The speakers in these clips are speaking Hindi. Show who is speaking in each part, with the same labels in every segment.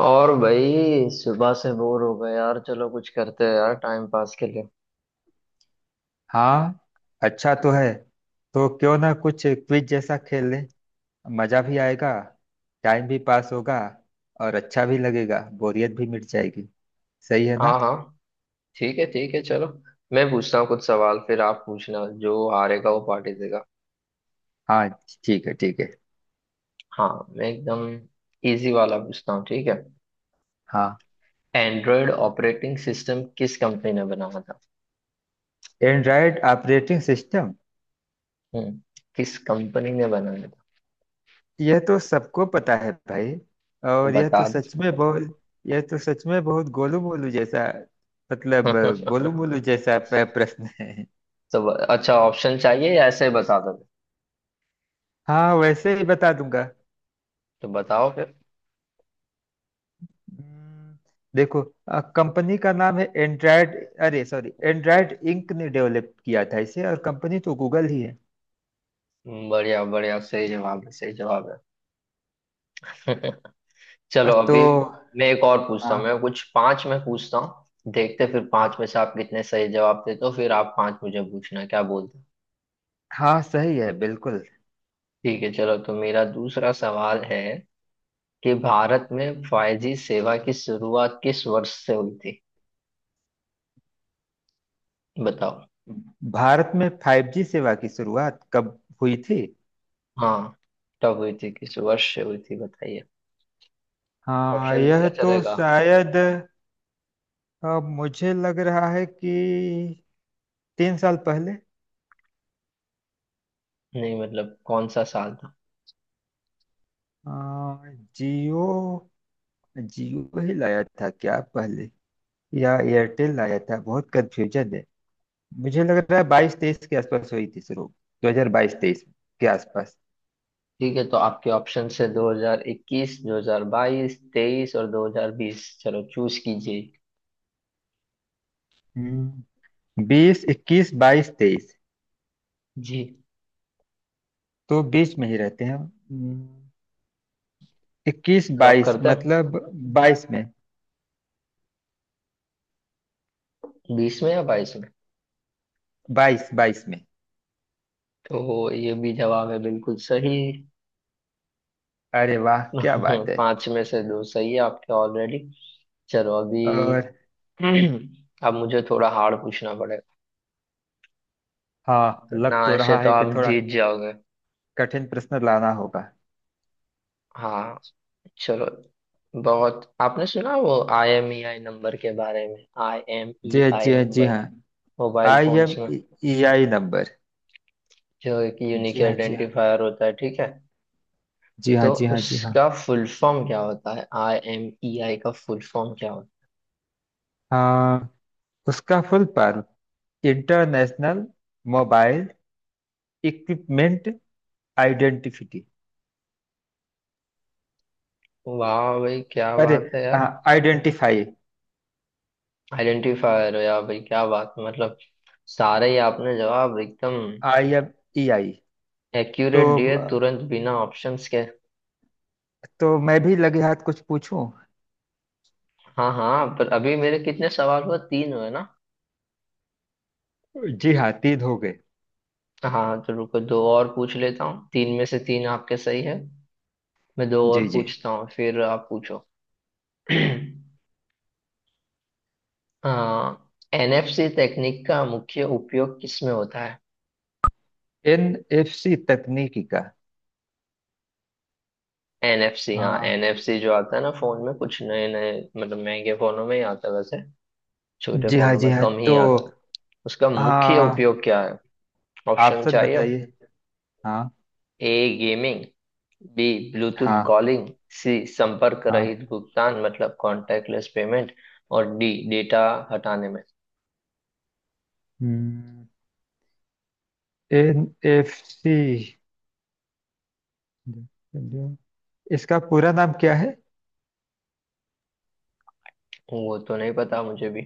Speaker 1: और भाई सुबह से बोर हो गए यार। चलो कुछ करते हैं यार, टाइम पास के लिए।
Speaker 2: हाँ। अच्छा तो है। तो क्यों ना कुछ क्विज जैसा खेल लें। मजा भी आएगा। टाइम भी पास होगा। और अच्छा भी लगेगा, बोरियत भी मिट जाएगी। सही है
Speaker 1: हाँ
Speaker 2: ना?
Speaker 1: हाँ, ठीक है ठीक है, चलो। मैं पूछता हूँ कुछ सवाल, फिर आप पूछना। जो हारेगा वो पार्टी देगा।
Speaker 2: हाँ। ठीक है, ठीक है।
Speaker 1: हाँ, मैं एकदम इजी वाला पूछता हूँ, ठीक है।
Speaker 2: हाँ।
Speaker 1: एंड्रॉयड ऑपरेटिंग सिस्टम किस कंपनी ने बनाया था?
Speaker 2: Android operating system.
Speaker 1: हम्म, किस कंपनी ने बनाया था?
Speaker 2: यह तो सबको पता है भाई।
Speaker 1: तो
Speaker 2: और
Speaker 1: बता दो।
Speaker 2: यह तो सच में बहुत गोलू मोलू जैसा, मतलब गोलू मोलू जैसा प्रश्न है।
Speaker 1: तो अच्छा, ऑप्शन चाहिए या ऐसे ही बता दो?
Speaker 2: हाँ, वैसे ही बता दूंगा।
Speaker 1: तो बताओ फिर।
Speaker 2: हम्म, देखो, कंपनी का नाम है एंड्राइड। अरे सॉरी, एंड्राइड इंक ने डेवलप किया था इसे, और कंपनी तो गूगल ही है।
Speaker 1: बढ़िया बढ़िया, सही जवाब है, सही जवाब है। चलो
Speaker 2: तो
Speaker 1: अभी मैं एक और पूछता
Speaker 2: हाँ,
Speaker 1: हूँ। मैं कुछ पांच मैं पूछता हूँ, देखते हैं फिर पांच में से आप कितने सही जवाब देते हो। फिर आप पांच मुझे पूछना, क्या बोलते हो?
Speaker 2: हाँ सही है बिल्कुल।
Speaker 1: ठीक है चलो। तो मेरा दूसरा सवाल है कि भारत में 5G सेवा की शुरुआत किस वर्ष से हुई थी? बताओ।
Speaker 2: भारत में 5G सेवा की शुरुआत कब हुई थी?
Speaker 1: हाँ, कब हुई थी? किस वर्ष से हुई थी, बताइए।
Speaker 2: हाँ,
Speaker 1: ऑप्शन दो
Speaker 2: यह
Speaker 1: या
Speaker 2: तो
Speaker 1: चलेगा?
Speaker 2: शायद मुझे लग रहा है कि 3 साल पहले।
Speaker 1: नहीं मतलब कौन सा साल था।
Speaker 2: जियो, जियो ही लाया था क्या पहले या एयरटेल लाया था? बहुत कंफ्यूजन है। मुझे लग रहा है बाईस तेईस के आसपास हुई थी शुरू। दो हजार बाईस तेईस के आसपास।
Speaker 1: ठीक है, तो आपके ऑप्शन से 2021, 2022, 23 और 2020, चलो चूज कीजिए।
Speaker 2: हम्म बीस, इक्कीस, बाईस, तेईस।
Speaker 1: जी।
Speaker 2: तो बीच में ही रहते हैं हम। इक्कीस
Speaker 1: लॉक
Speaker 2: बाईस,
Speaker 1: करते हैं।
Speaker 2: मतलब बाईस में।
Speaker 1: बीस में या बाईस में?
Speaker 2: बाईस बाईस में।
Speaker 1: तो ये भी जवाब है बिल्कुल सही।
Speaker 2: अरे वाह, क्या बात है!
Speaker 1: पांच में से दो सही है आपके ऑलरेडी। चलो अभी,
Speaker 2: और
Speaker 1: अब मुझे थोड़ा हार्ड पूछना पड़ेगा।
Speaker 2: हाँ,
Speaker 1: तो ना,
Speaker 2: लग तो
Speaker 1: ऐसे
Speaker 2: रहा
Speaker 1: तो
Speaker 2: है कि
Speaker 1: आप
Speaker 2: थोड़ा
Speaker 1: जीत जाओगे।
Speaker 2: कठिन प्रश्न लाना होगा।
Speaker 1: हाँ, चलो। बहुत आपने सुना वो I M E I number के बारे में? आई एम
Speaker 2: जी
Speaker 1: ई
Speaker 2: हाँ, जी
Speaker 1: आई
Speaker 2: हाँ, जी
Speaker 1: नंबर
Speaker 2: हाँ।
Speaker 1: मोबाइल
Speaker 2: आई एम
Speaker 1: फोन्स में
Speaker 2: ई आई नंबर।
Speaker 1: जो एक
Speaker 2: जी
Speaker 1: यूनिक
Speaker 2: हाँ, जी हाँ,
Speaker 1: आइडेंटिफायर होता है, ठीक है?
Speaker 2: जी हाँ।
Speaker 1: तो
Speaker 2: जी हाँ, जी हाँ।
Speaker 1: उसका फुल फॉर्म क्या होता है? आई एम ई आई का फुल फॉर्म क्या होता है?
Speaker 2: हाँ, उसका full form international mobile equipment identity.
Speaker 1: वाह भाई क्या
Speaker 2: अरे
Speaker 1: बात है यार!
Speaker 2: आइडेंटिफाई।
Speaker 1: आइडेंटिफायर हो यार, भाई क्या बात है मतलब! सारे ही आपने जवाब एकदम
Speaker 2: आई एम ई आई। तो
Speaker 1: एक्यूरेट दिए तुरंत, बिना ऑप्शंस के।
Speaker 2: तो मैं भी लगे हाथ कुछ पूछूं।
Speaker 1: हाँ हाँ, पर अभी मेरे कितने सवाल हुए? तीन हुए ना।
Speaker 2: जी हाँ, तीन हो गए।
Speaker 1: हाँ तो रुको, दो और पूछ लेता हूँ। तीन में से तीन आपके सही है। मैं दो और
Speaker 2: जी जी।
Speaker 1: पूछता हूँ फिर आप पूछो। हाँ, एनएफसी तकनीक का मुख्य उपयोग किसमें होता है?
Speaker 2: एन एफ सी तकनीकी का?
Speaker 1: एनएफसी, हाँ
Speaker 2: हाँ।
Speaker 1: एनएफसी जो आता है ना फोन में, कुछ नए नए मतलब महंगे फोनों में ही आता है वैसे। छोटे
Speaker 2: जी हाँ,
Speaker 1: फोनों
Speaker 2: जी
Speaker 1: में
Speaker 2: हाँ।
Speaker 1: कम ही
Speaker 2: तो
Speaker 1: आता है। उसका मुख्य
Speaker 2: हाँ,
Speaker 1: उपयोग क्या है? ऑप्शन
Speaker 2: ऑप्शन
Speaker 1: चाहिए?
Speaker 2: बताइए। हाँ।
Speaker 1: ए गेमिंग, बी ब्लूटूथ
Speaker 2: हाँ।
Speaker 1: कॉलिंग, सी संपर्क
Speaker 2: हाँ।
Speaker 1: रहित भुगतान मतलब कॉन्टैक्टलेस पेमेंट, और डी डेटा हटाने में।
Speaker 2: एन एफ सी, इसका पूरा नाम क्या है?
Speaker 1: वो तो नहीं पता मुझे भी।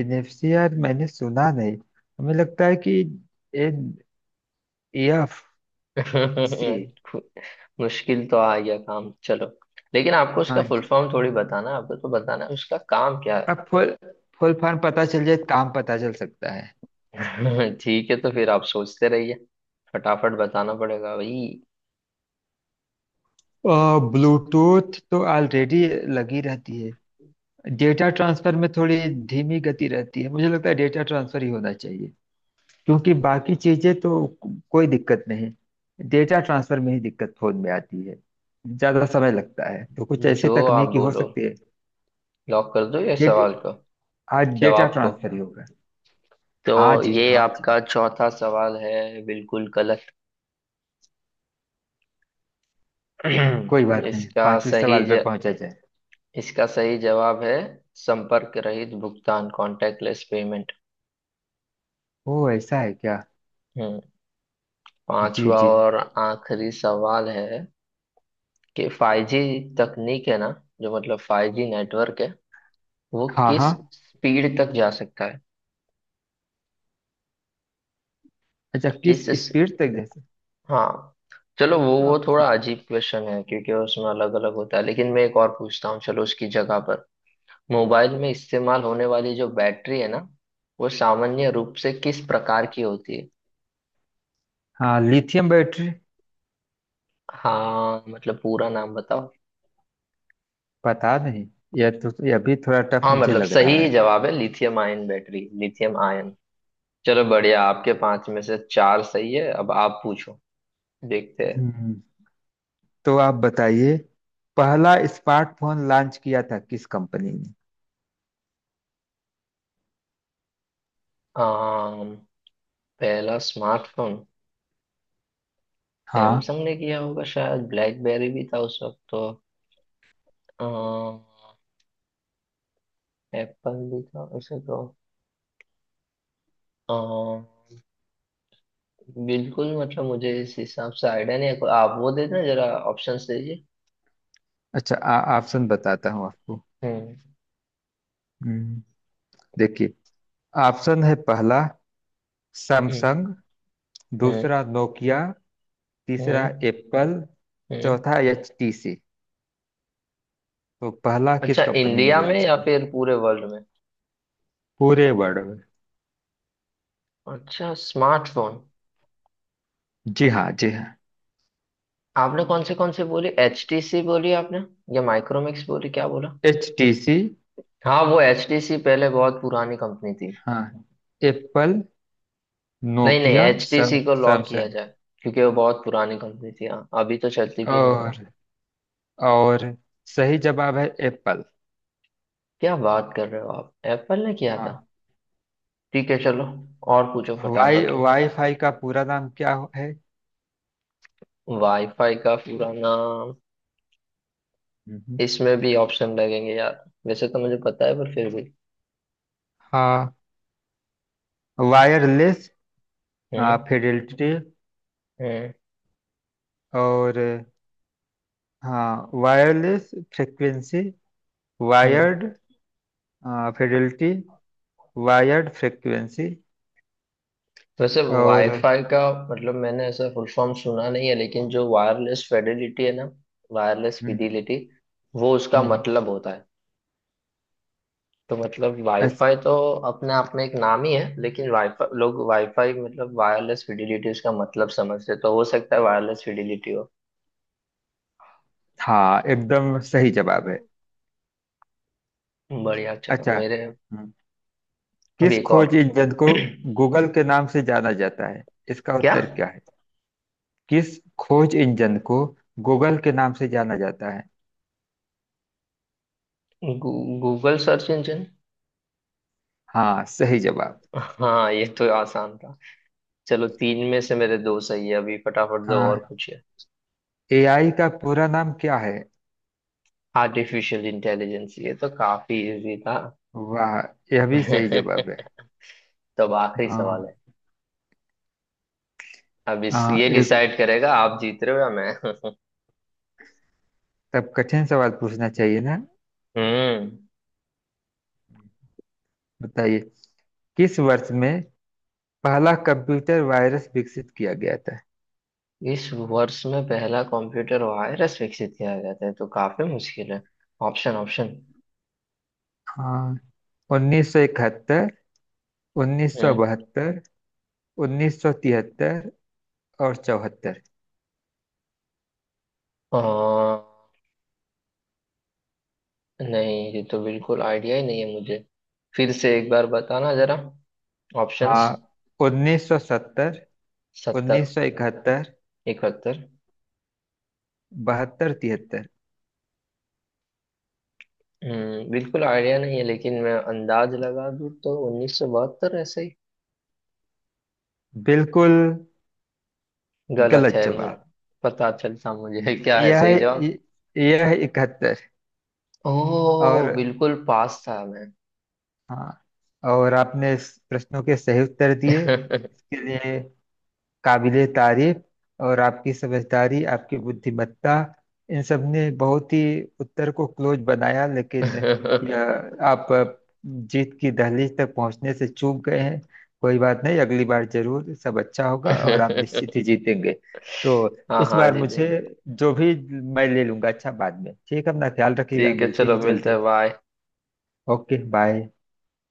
Speaker 2: एन एफ सी यार मैंने सुना नहीं। हमें लगता है कि एन एफ सी।
Speaker 1: मुश्किल तो आ गया काम, चलो। लेकिन आपको उसका
Speaker 2: हाँ,
Speaker 1: फुल फॉर्म थोड़ी बताना है, आपको तो बताना है उसका काम क्या
Speaker 2: अब फुल फुल फॉर्म पता चल जाए, काम पता चल सकता है।
Speaker 1: है। ठीक है तो फिर आप सोचते रहिए, फटाफट बताना पड़ेगा भाई।
Speaker 2: ब्लूटूथ तो ऑलरेडी लगी रहती है। डेटा ट्रांसफर में थोड़ी धीमी गति रहती है, मुझे लगता है डेटा ट्रांसफर ही होना चाहिए। क्योंकि बाकी चीजें तो कोई दिक्कत नहीं। डेटा ट्रांसफर में ही दिक्कत फोन में आती है, ज्यादा समय लगता है, तो कुछ ऐसी
Speaker 1: जो आप
Speaker 2: तकनीकी हो
Speaker 1: बोलो,
Speaker 2: सकती है।
Speaker 1: लॉक कर दो ये
Speaker 2: डेट
Speaker 1: सवाल को,
Speaker 2: आज डेटा
Speaker 1: जवाब को।
Speaker 2: ट्रांसफर ही होगा।
Speaker 1: तो
Speaker 2: हाँ जी,
Speaker 1: ये
Speaker 2: हाँ जी।
Speaker 1: आपका चौथा सवाल है बिल्कुल गलत।
Speaker 2: कोई बात नहीं,
Speaker 1: इसका
Speaker 2: पांचवें
Speaker 1: सही
Speaker 2: सवाल पे
Speaker 1: ज,
Speaker 2: पहुंचा जाए।
Speaker 1: इसका सही जवाब है संपर्क रहित भुगतान, कॉन्टैक्टलेस पेमेंट।
Speaker 2: ओ ऐसा है क्या?
Speaker 1: हम्म,
Speaker 2: जी
Speaker 1: पांचवा
Speaker 2: जी।
Speaker 1: और आखिरी सवाल है कि 5G तकनीक है ना, जो मतलब 5G नेटवर्क है, वो
Speaker 2: हाँ
Speaker 1: किस
Speaker 2: हाँ।
Speaker 1: स्पीड तक जा सकता है?
Speaker 2: अच्छा, किस
Speaker 1: किस,
Speaker 2: स्पीड तक? जैसे?
Speaker 1: हाँ, चलो। वो
Speaker 2: आप?
Speaker 1: थोड़ा अजीब क्वेश्चन है क्योंकि उसमें अलग अलग होता है, लेकिन मैं एक और पूछता हूँ, चलो उसकी जगह पर। मोबाइल में इस्तेमाल होने वाली जो बैटरी है ना, वो सामान्य रूप से किस प्रकार की होती है?
Speaker 2: हाँ, लिथियम बैटरी।
Speaker 1: हाँ मतलब पूरा नाम बताओ।
Speaker 2: पता नहीं, यह तो यह भी थोड़ा टफ
Speaker 1: हाँ,
Speaker 2: मुझे
Speaker 1: मतलब
Speaker 2: लग रहा
Speaker 1: सही
Speaker 2: है।
Speaker 1: जवाब है lithium ion battery, lithium ion. चलो बढ़िया, आपके पांच में से चार सही है। अब आप पूछो, देखते हैं।
Speaker 2: हम्म तो आप बताइए, पहला स्मार्टफोन लॉन्च किया था किस कंपनी ने?
Speaker 1: आम, पहला स्मार्टफोन
Speaker 2: हाँ।
Speaker 1: सैमसंग ने किया होगा शायद। ब्लैकबेरी भी था उस वक्त तो। एप्पल भी था उसे तो। अ, बिल्कुल मतलब मुझे इस हिसाब से आइडिया नहीं है। आप वो दे देना जरा, ऑप्शंस दीजिए।
Speaker 2: अच्छा, ऑप्शन बताता हूँ आपको।
Speaker 1: हम्म।
Speaker 2: हम्म देखिए, ऑप्शन है: पहला
Speaker 1: हम्म।
Speaker 2: सैमसंग,
Speaker 1: हम्म।
Speaker 2: दूसरा नोकिया, तीसरा
Speaker 1: हम्म।
Speaker 2: एप्पल,
Speaker 1: हम्म।
Speaker 2: चौथा एचटीसी। तो पहला किस
Speaker 1: अच्छा,
Speaker 2: कंपनी ने
Speaker 1: इंडिया में
Speaker 2: लॉन्च
Speaker 1: या
Speaker 2: किया?
Speaker 1: फिर पूरे वर्ल्ड में?
Speaker 2: पूरे वर्ल्ड में।
Speaker 1: अच्छा स्मार्टफोन।
Speaker 2: जी हाँ, जी हाँ।
Speaker 1: आपने कौन से बोली? एचटीसी बोली आपने, या माइक्रोमैक्स बोली, क्या बोला?
Speaker 2: H T C.
Speaker 1: हाँ वो एचटीसी पहले बहुत पुरानी कंपनी थी।
Speaker 2: हाँ, एप्पल,
Speaker 1: नहीं नहीं,
Speaker 2: नोकिया, सम
Speaker 1: एचटीसी को लॉक किया
Speaker 2: सैमसंग।
Speaker 1: जाए क्योंकि वो बहुत पुरानी कंपनी थी। हाँ, अभी तो चलती भी नहीं है।
Speaker 2: और और सही जवाब है एप्पल।
Speaker 1: क्या बात कर रहे हो! आप एप्पल ने किया था?
Speaker 2: हाँ।
Speaker 1: ठीक है चलो, और पूछो फटाफट।
Speaker 2: वाईफाई का पूरा नाम क्या है?
Speaker 1: वाईफाई का पूरा नाम,
Speaker 2: हम्म।
Speaker 1: इसमें भी ऑप्शन लगेंगे यार, वैसे तो मुझे पता है पर फिर भी।
Speaker 2: हाँ, वायरलेस
Speaker 1: हम्म।
Speaker 2: फिडेलिटी।
Speaker 1: हम्म।
Speaker 2: और हाँ, wireless frequency,
Speaker 1: hmm.
Speaker 2: Wired fidelity, wired frequency.
Speaker 1: वैसे
Speaker 2: और
Speaker 1: वाईफाई का मतलब मैंने ऐसा फुल फॉर्म सुना नहीं है, लेकिन जो वायरलेस फिडेलिटी है ना, वायरलेस
Speaker 2: हम्म,
Speaker 1: फिडिलिटी, वो उसका
Speaker 2: हम्म।
Speaker 1: मतलब होता है। तो मतलब
Speaker 2: अच्छा।
Speaker 1: वाईफाई तो अपने आप में एक नाम ही है, लेकिन वाईफाई, लोग वाईफाई मतलब वायरलेस फिडिलिटी उसका मतलब समझते हैं। तो हो सकता है वायरलेस फिडिलिटी।
Speaker 2: हाँ, एकदम सही जवाब है।
Speaker 1: बढ़िया चलो,
Speaker 2: अच्छा।
Speaker 1: मेरे
Speaker 2: हम्म।
Speaker 1: अब
Speaker 2: किस
Speaker 1: एक और,
Speaker 2: खोज इंजन को
Speaker 1: क्या,
Speaker 2: गूगल के नाम से जाना जाता है, इसका उत्तर क्या है? किस खोज इंजन को गूगल के नाम से जाना जाता है?
Speaker 1: गू, गूगल सर्च इंजन।
Speaker 2: हाँ, सही जवाब।
Speaker 1: हाँ ये तो आसान था। चलो तीन में से मेरे दो सही है, अभी फटाफट दो और
Speaker 2: हाँ,
Speaker 1: पूछिए।
Speaker 2: एआई का पूरा नाम क्या है?
Speaker 1: आर्टिफिशियल इंटेलिजेंस, ये तो काफी इजी था।
Speaker 2: वाह, यह भी सही जवाब है।
Speaker 1: तो अब आखिरी सवाल
Speaker 2: हाँ
Speaker 1: है। अब इस
Speaker 2: हाँ।
Speaker 1: ये
Speaker 2: एक।
Speaker 1: डिसाइड करेगा आप जीत रहे हो या मैं।
Speaker 2: तब कठिन सवाल पूछना चाहिए ना।
Speaker 1: हम्म,
Speaker 2: बताइए, किस वर्ष में पहला कंप्यूटर वायरस विकसित किया गया था?
Speaker 1: इस वर्ष में पहला कंप्यूटर वायरस विकसित किया गया था, ये तो काफी मुश्किल है। Option option.
Speaker 2: हाँ, 1971, 1972, 1973, और चौहत्तर।
Speaker 1: हम्म, नहीं ये तो बिल्कुल आइडिया ही नहीं है मुझे। फिर से एक बार बताना जरा
Speaker 2: हाँ,
Speaker 1: ऑप्शंस।
Speaker 2: 1970,
Speaker 1: 1970,
Speaker 2: 1971,
Speaker 1: 1971,
Speaker 2: बहत्तर, तिहत्तर।
Speaker 1: हम्म। बिल्कुल आइडिया नहीं है, लेकिन मैं अंदाज लगा दूं तो 1972, ऐसे ही
Speaker 2: बिल्कुल
Speaker 1: गलत
Speaker 2: गलत
Speaker 1: है मुझे
Speaker 2: जवाब।
Speaker 1: पता चलता मुझे। क्या है सही जवाब?
Speaker 2: यह यह इकहत्तर।
Speaker 1: ओह
Speaker 2: और
Speaker 1: बिल्कुल पास था मैं।
Speaker 2: हाँ, और आपने इस प्रश्नों के सही उत्तर दिए, इसके लिए काबिले तारीफ। और आपकी समझदारी, आपकी बुद्धिमत्ता, इन सब ने बहुत ही उत्तर को क्लोज बनाया, लेकिन यह आप जीत की दहलीज तक पहुंचने से चूक गए हैं। कोई बात नहीं, अगली बार जरूर सब अच्छा होगा और आप निश्चित ही जीतेंगे। तो
Speaker 1: हाँ
Speaker 2: इस
Speaker 1: हाँ,
Speaker 2: बार
Speaker 1: जी जी,
Speaker 2: मुझे जो भी, मैं ले लूंगा अच्छा बाद में। ठीक है, अपना ख्याल रखिएगा,
Speaker 1: ठीक है
Speaker 2: मिलते
Speaker 1: चलो,
Speaker 2: हैं
Speaker 1: मिलते
Speaker 2: जल्दी।
Speaker 1: हैं, बाय।
Speaker 2: Okay bye.